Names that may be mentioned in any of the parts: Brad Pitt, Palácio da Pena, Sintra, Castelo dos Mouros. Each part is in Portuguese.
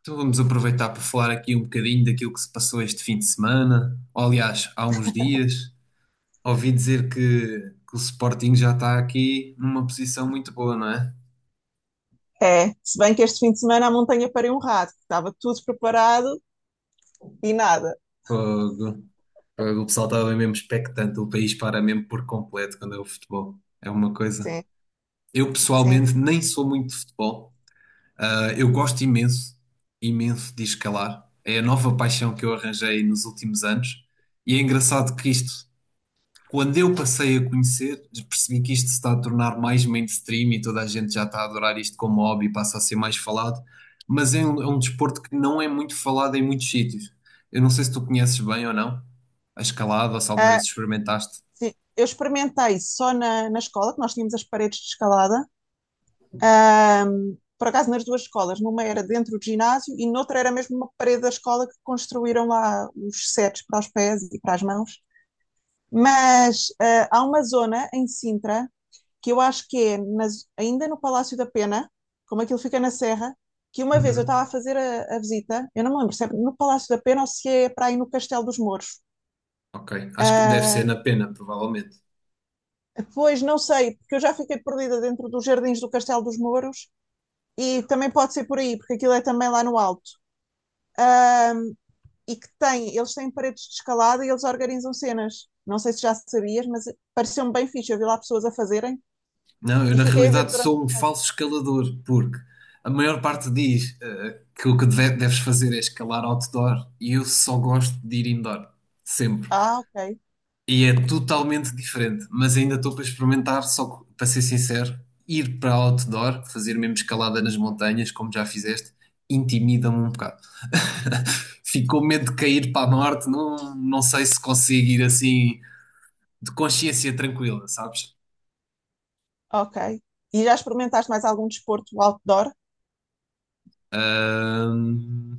Então vamos aproveitar para falar aqui um bocadinho daquilo que se passou este fim de semana. Ou, aliás, há uns dias, ouvi dizer que o Sporting já está aqui numa posição muito boa, não é? É, se bem que este fim de semana a montanha pariu um rato, estava tudo preparado e nada. Fogo. Fogo. O pessoal estava mesmo expectante, o país para mesmo por completo quando é o futebol. É uma coisa. Sim, Eu sim. pessoalmente nem sou muito de futebol. Eu gosto imenso, imenso de escalar. É a nova paixão que eu arranjei nos últimos anos. E é engraçado que isto quando eu passei a conhecer, percebi que isto se está a tornar mais mainstream e toda a gente já está a adorar isto como hobby, passa a ser mais falado, mas é um desporto que não é muito falado em muitos sítios. Eu não sei se tu conheces bem ou não a escalada, ou se alguma vez Ah, experimentaste. sim. Eu experimentei só na escola, que nós tínhamos as paredes de escalada. Ah, por acaso nas duas escolas, numa era dentro do ginásio e noutra era mesmo uma parede da escola que construíram lá os setes para os pés e para as mãos. Mas há uma zona em Sintra que eu acho que é nas, ainda no Palácio da Pena, como aquilo fica na Serra, que uma vez eu Uhum. estava a fazer a visita. Eu não me lembro se é no Palácio da Pena ou se é para aí no Castelo dos Mouros. Ok, acho que deve ser Ah, na pena, provavelmente. Pois não sei, porque eu já fiquei perdida dentro dos jardins do Castelo dos Mouros, e também pode ser por aí, porque aquilo é também lá no alto. E que tem, eles têm paredes de escalada e eles organizam cenas. Não sei se já sabias, mas pareceu-me bem fixe. Eu vi lá pessoas a fazerem Não, eu e na fiquei a ver realidade durante um sou um bocado. falso escalador, porque a maior parte diz que o que deves fazer é escalar outdoor e eu só gosto de ir indoor, sempre. Ah, ok. E é totalmente diferente, mas ainda estou para experimentar, só que, para ser sincero, ir para outdoor, fazer mesmo escalada nas montanhas, como já fizeste, intimida-me um bocado. Fico com medo de cair para a norte, não sei se consigo ir assim de consciência tranquila, sabes? Ok. E já experimentaste mais algum desporto outdoor? Ahm,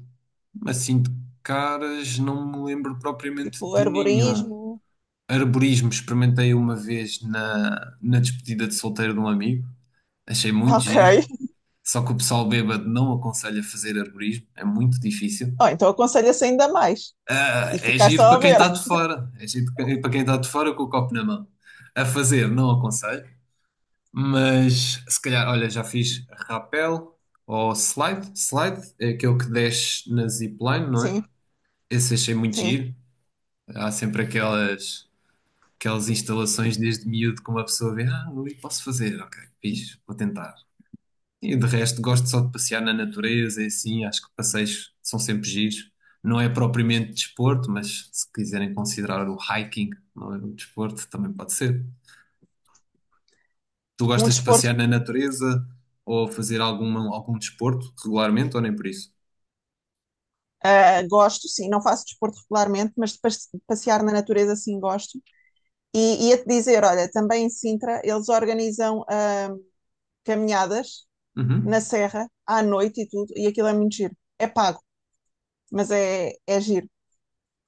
assim de caras, não me lembro propriamente Tipo de nenhum. arborismo? Arborismo experimentei uma vez na despedida de solteiro de um amigo, achei muito Ok. giro. Só que o pessoal bêbado não aconselha fazer arborismo, é muito difícil. Oh, então aconselho-se ainda mais. Ah, E é ficar giro só a para quem ver. está de fora, é giro para quem está de fora com o copo na mão. A fazer, não aconselho, mas se calhar, olha, já fiz rapel ou slide. Slide é aquele que desce na zipline, não é? Sim, Esse achei muito sim. giro. Há sempre aquelas instalações desde miúdo que uma pessoa vê, ah, ali posso fazer, ok, fiz, vou tentar. E de resto, gosto só de passear na natureza e assim, acho que passeios são sempre giros. Não é propriamente desporto, mas se quiserem considerar o hiking, não é um desporto, também pode ser. Tu Um gostas de desporto, passear na natureza ou fazer algum desporto regularmente ou nem por isso? Gosto, sim. Não faço desporto regularmente, mas de passear na natureza, sim, gosto. E ia-te dizer, olha, também em Sintra eles organizam caminhadas na Uhum. serra, à noite e tudo, e aquilo é muito giro. É pago, mas é, é giro.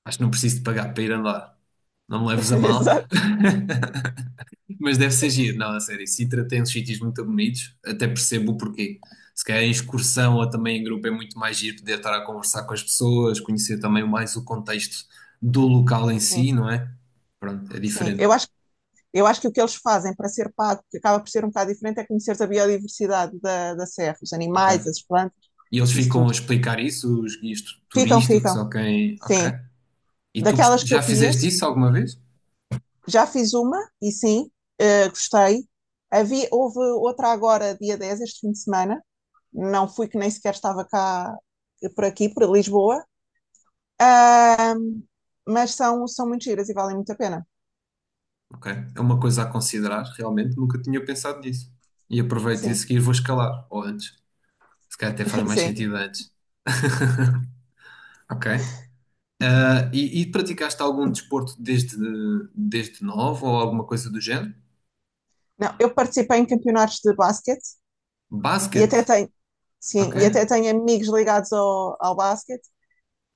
Acho que não preciso de pagar para ir andar. Não me leves a mal. Exato. Mas deve ser giro, não, a sério. Sintra tem uns sítios muito bonitos, até percebo o porquê. Se calhar em excursão ou também em grupo é muito mais giro poder estar a conversar com as pessoas, conhecer também mais o contexto do local em Sim, si, não é? Pronto, é sim. diferente. Eu acho que o que eles fazem para ser pago, que acaba por ser um bocado diferente, é conhecer a biodiversidade da serra, os Ok. animais, as plantas, E eles isso ficam a tudo. explicar isso, os guias Ficam, turísticos, ficam. ok, ok. Sim. E tu Daquelas que já eu fizeste conheço, isso alguma vez? já fiz uma e sim, gostei. Havia, houve outra agora, dia 10 este fim de semana. Não fui, que nem sequer estava cá, por aqui, por Lisboa. Ahm, mas são, são muito giras e valem muito a pena. Ok. É uma coisa a considerar, realmente, nunca tinha pensado nisso. E aproveito e a Sim, seguir vou escalar, ou antes. Se calhar até faz mais sim. sentido antes. Ok. Ah, e praticaste algum desporto desde novo ou alguma coisa do género? Não, eu participei em campeonatos de basquete. E Basquete, até tenho, ok. sim, e até tenho amigos ligados ao basquete.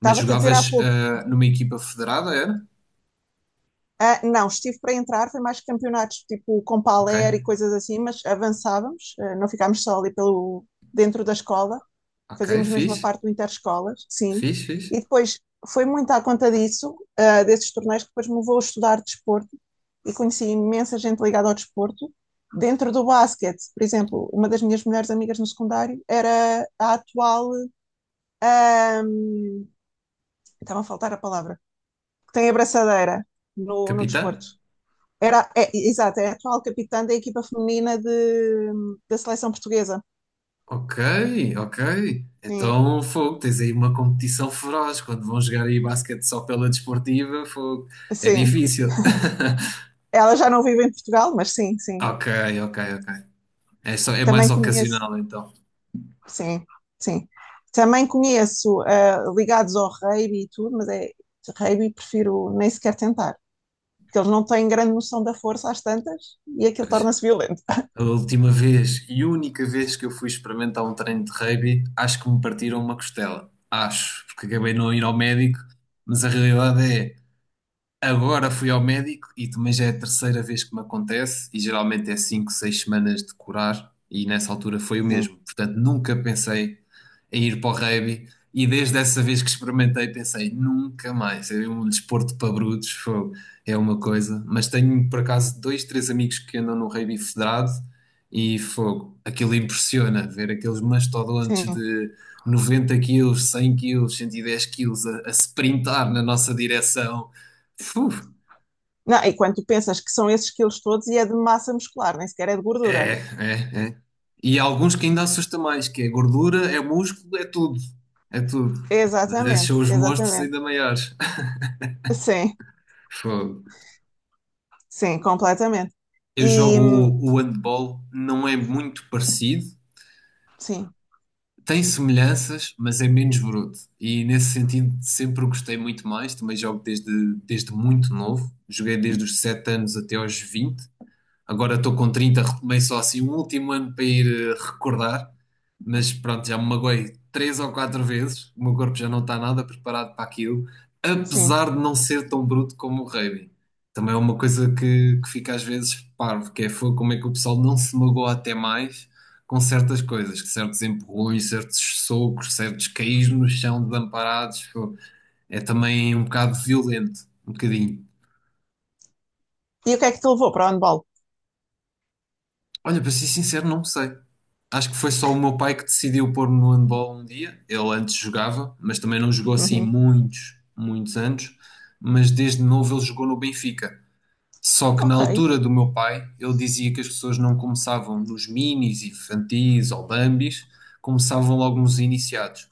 Mas a dizer há jogavas pouco, numa equipa federada, era? Não, estive para entrar. Foi mais campeonatos tipo com Ok, paler e coisas assim, mas avançávamos, não ficámos só ali pelo, dentro da escola, ok, fazíamos mesmo a fixe, parte do interescolas, sim. fixe, fixe. E depois foi muito à conta disso, desses torneios, que depois me levou a estudar desporto e conheci imensa gente ligada ao desporto. Dentro do basquete, por exemplo, uma das minhas melhores amigas no secundário era a atual ah, estava a faltar a palavra, que tem a braçadeira no Capitã? desporto. Era, é, exato, é a atual capitã da equipa feminina de, da seleção portuguesa. Ok, ok. Sim. Então, fogo, tens aí uma competição feroz. Quando vão jogar aí basquete só pela desportiva, fogo, é Sim. difícil. Ela já não vive em Portugal, mas sim, sim. Ok, ok, ok. É só, é Também mais conheço. ocasional então. Sim, sim. Também conheço ligados ao rugby e tudo, mas é rugby, prefiro nem sequer tentar, porque eles não têm grande noção da força às tantas e aquilo Pois. torna-se violento. A última vez e única vez que eu fui experimentar um treino de rugby, acho que me partiram uma costela. Acho, porque acabei de não ir ao médico, mas a realidade é... Agora fui ao médico e também já é a terceira vez que me acontece, e geralmente é 5 6 semanas de curar, e nessa altura foi o Sim, mesmo. Portanto, nunca pensei em ir para o rugby, e desde essa vez que experimentei, pensei nunca mais. É um desporto para brutos, fogo, é uma coisa. Mas tenho por acaso dois, três amigos que andam no rugby federado, e fogo, aquilo impressiona ver aqueles mastodontes sim. de 90 quilos, 100 quilos, 110 quilos a sprintar na nossa direção. Fuf. Não, e quando tu pensas que são esses quilos todos e é de massa muscular, nem sequer é de É, gordura. é, é. E há alguns que ainda assusta mais, que é gordura, é músculo, é tudo. É tudo. Mas esses são Exatamente, os monstros exatamente. ainda maiores. Sim, Fogo. sim, completamente. Eu jogo E hum, o handball, não é muito parecido. sim, Tem semelhanças, mas é menos bruto. E nesse sentido sempre gostei muito mais. Também jogo desde muito novo. Joguei desde os 7 anos até aos 20. Agora estou com 30 retomei só assim um último ano para ir recordar, mas pronto, já me magoei 3 ou 4 vezes. O meu corpo já não está nada preparado para aquilo, sim. apesar de não ser tão bruto como o rugby. Também é uma coisa que fica às vezes parvo, que é como é que o pessoal não se magoa até mais com certas coisas, que certos empurrões, certos socos, certos caís no chão desamparados, é também um bocado violento, um bocadinho. E o que é que te levou para o handball? Olha, para ser sincero, não sei. Acho que foi só o meu pai que decidiu pôr-me no handball um dia. Ele antes jogava, mas também não jogou assim Uhum. muitos, muitos anos. Mas desde novo ele jogou no Benfica. Só que na Ok, altura do meu pai, ele dizia que as pessoas não começavam nos minis, infantis ou bambis, começavam logo nos iniciados.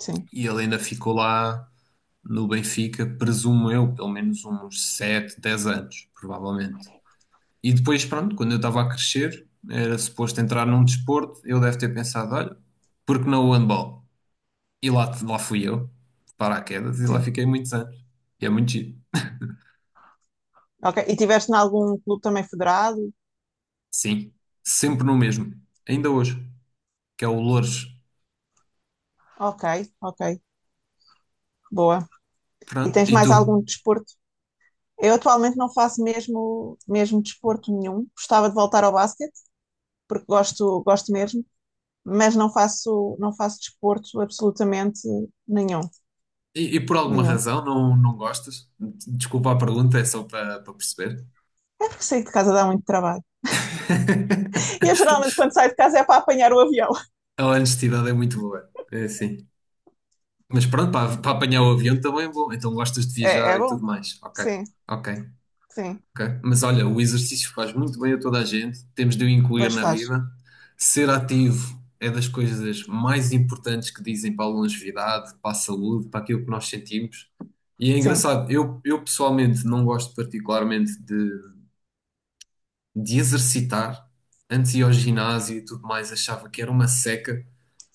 sim, E ele ainda ficou lá no Benfica, presumo eu, pelo menos uns 7, 10 anos, provavelmente. E depois, pronto, quando eu estava a crescer, era suposto entrar num desporto, eu deve ter pensado, olha, porque não o handball? E lá, lá fui eu, de paraquedas, e lá sim. fiquei muitos anos. E é muito giro. Ok. E tiveste em algum clube também federado? Sim, sempre no mesmo, ainda hoje, que é o Loures. Ok, ok. Boa. E Pronto, tens e mais tu? algum desporto? Eu atualmente não faço mesmo, mesmo desporto nenhum. Gostava de voltar ao basquete, porque gosto, gosto mesmo, mas não faço, não faço desporto absolutamente nenhum, Por alguma nenhum. razão não gostas? Desculpa a pergunta, é só para perceber. É porque sair de casa dá muito trabalho. E eu geralmente quando saio de casa é para apanhar o avião. A honestidade é muito boa, é assim. Mas pronto, para apanhar o avião também é bom. Então gostas de É, viajar é e bom? tudo mais. Ok, Sim, ok. sim. Ok? Mas olha, o exercício faz muito bem a toda a gente, temos de o incluir Pois na faz. vida. Ser ativo é das coisas mais importantes que dizem para a longevidade, para a saúde, para aquilo que nós sentimos. E é Sim. engraçado, eu pessoalmente não gosto particularmente de exercitar. Antes ia ao ginásio e tudo mais, achava que era uma seca,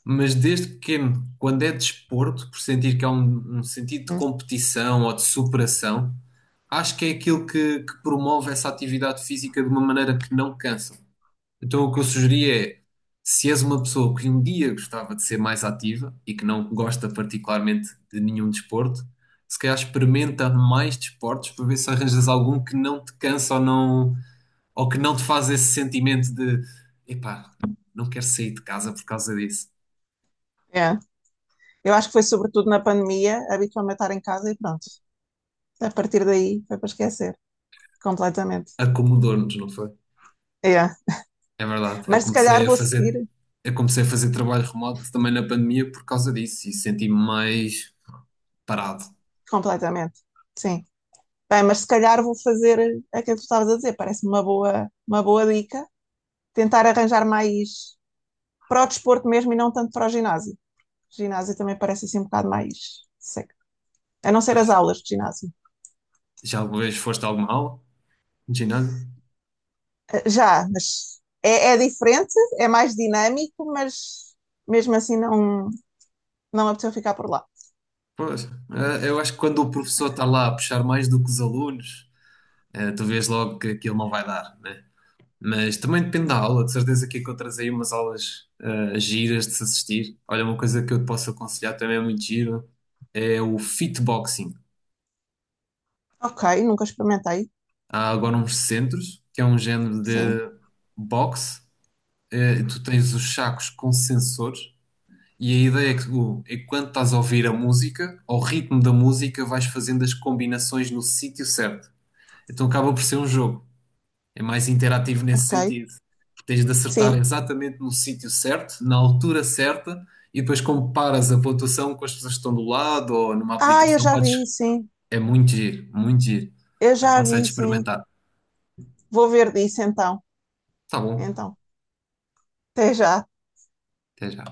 mas desde pequeno, quando é desporto, por sentir que há um sentido de Hum, competição ou de superação acho que é aquilo que promove essa atividade física de uma maneira que não cansa. Então, o que eu sugeria é, se és uma pessoa que um dia gostava de ser mais ativa e que não gosta particularmente de nenhum desporto, se calhar experimenta mais desportos para ver se arranjas algum que não te cansa ou não, ou que não te faz esse sentimento de, epá, não quero sair de casa por causa disso. é. Eu acho que foi sobretudo na pandemia, habitualmente estar em casa e pronto. A partir daí foi para esquecer completamente. Acomodou-nos, não foi? É. É verdade, Mas se calhar vou seguir eu comecei a fazer trabalho remoto também na pandemia por causa disso e senti-me mais parado. completamente. Sim. Bem, mas se calhar vou fazer aquilo que tu estavas a dizer, parece-me uma boa dica. Tentar arranjar mais para o desporto mesmo e não tanto para o ginásio. O ginásio também parece assim um bocado mais seco. A não ser Pois, as aulas de ginásio. já alguma vez foste a alguma aula de ginásio? Já, mas é, é diferente, é mais dinâmico, mas mesmo assim não, não apeteceu ficar por lá. Pois, eu acho que quando o professor está lá a puxar mais do que os alunos, tu vês logo que aquilo não vai dar, né? Mas também depende da aula, de certeza que encontras aí umas aulas giras de se assistir. Olha, uma coisa que eu te posso aconselhar também é muito giro, é o fitboxing. Ok, nunca experimentei. Há agora uns centros, que é um género Sim, de boxe, tu tens os sacos com sensores e a ideia é é que quando estás a ouvir a música, ao ritmo da música, vais fazendo as combinações no sítio certo. Então acaba por ser um jogo. É mais interativo nesse ok. sentido. Porque tens de acertar Sim. exatamente no sítio certo, na altura certa, e depois comparas a pontuação com as pessoas que estão do lado ou numa Ah, eu aplicação. já Podes... vi, sim. É muito giro, muito giro. Eu já Aconselho vi, sim. experimentar. Vou ver disso então. Tá bom. Então, até já. Até já.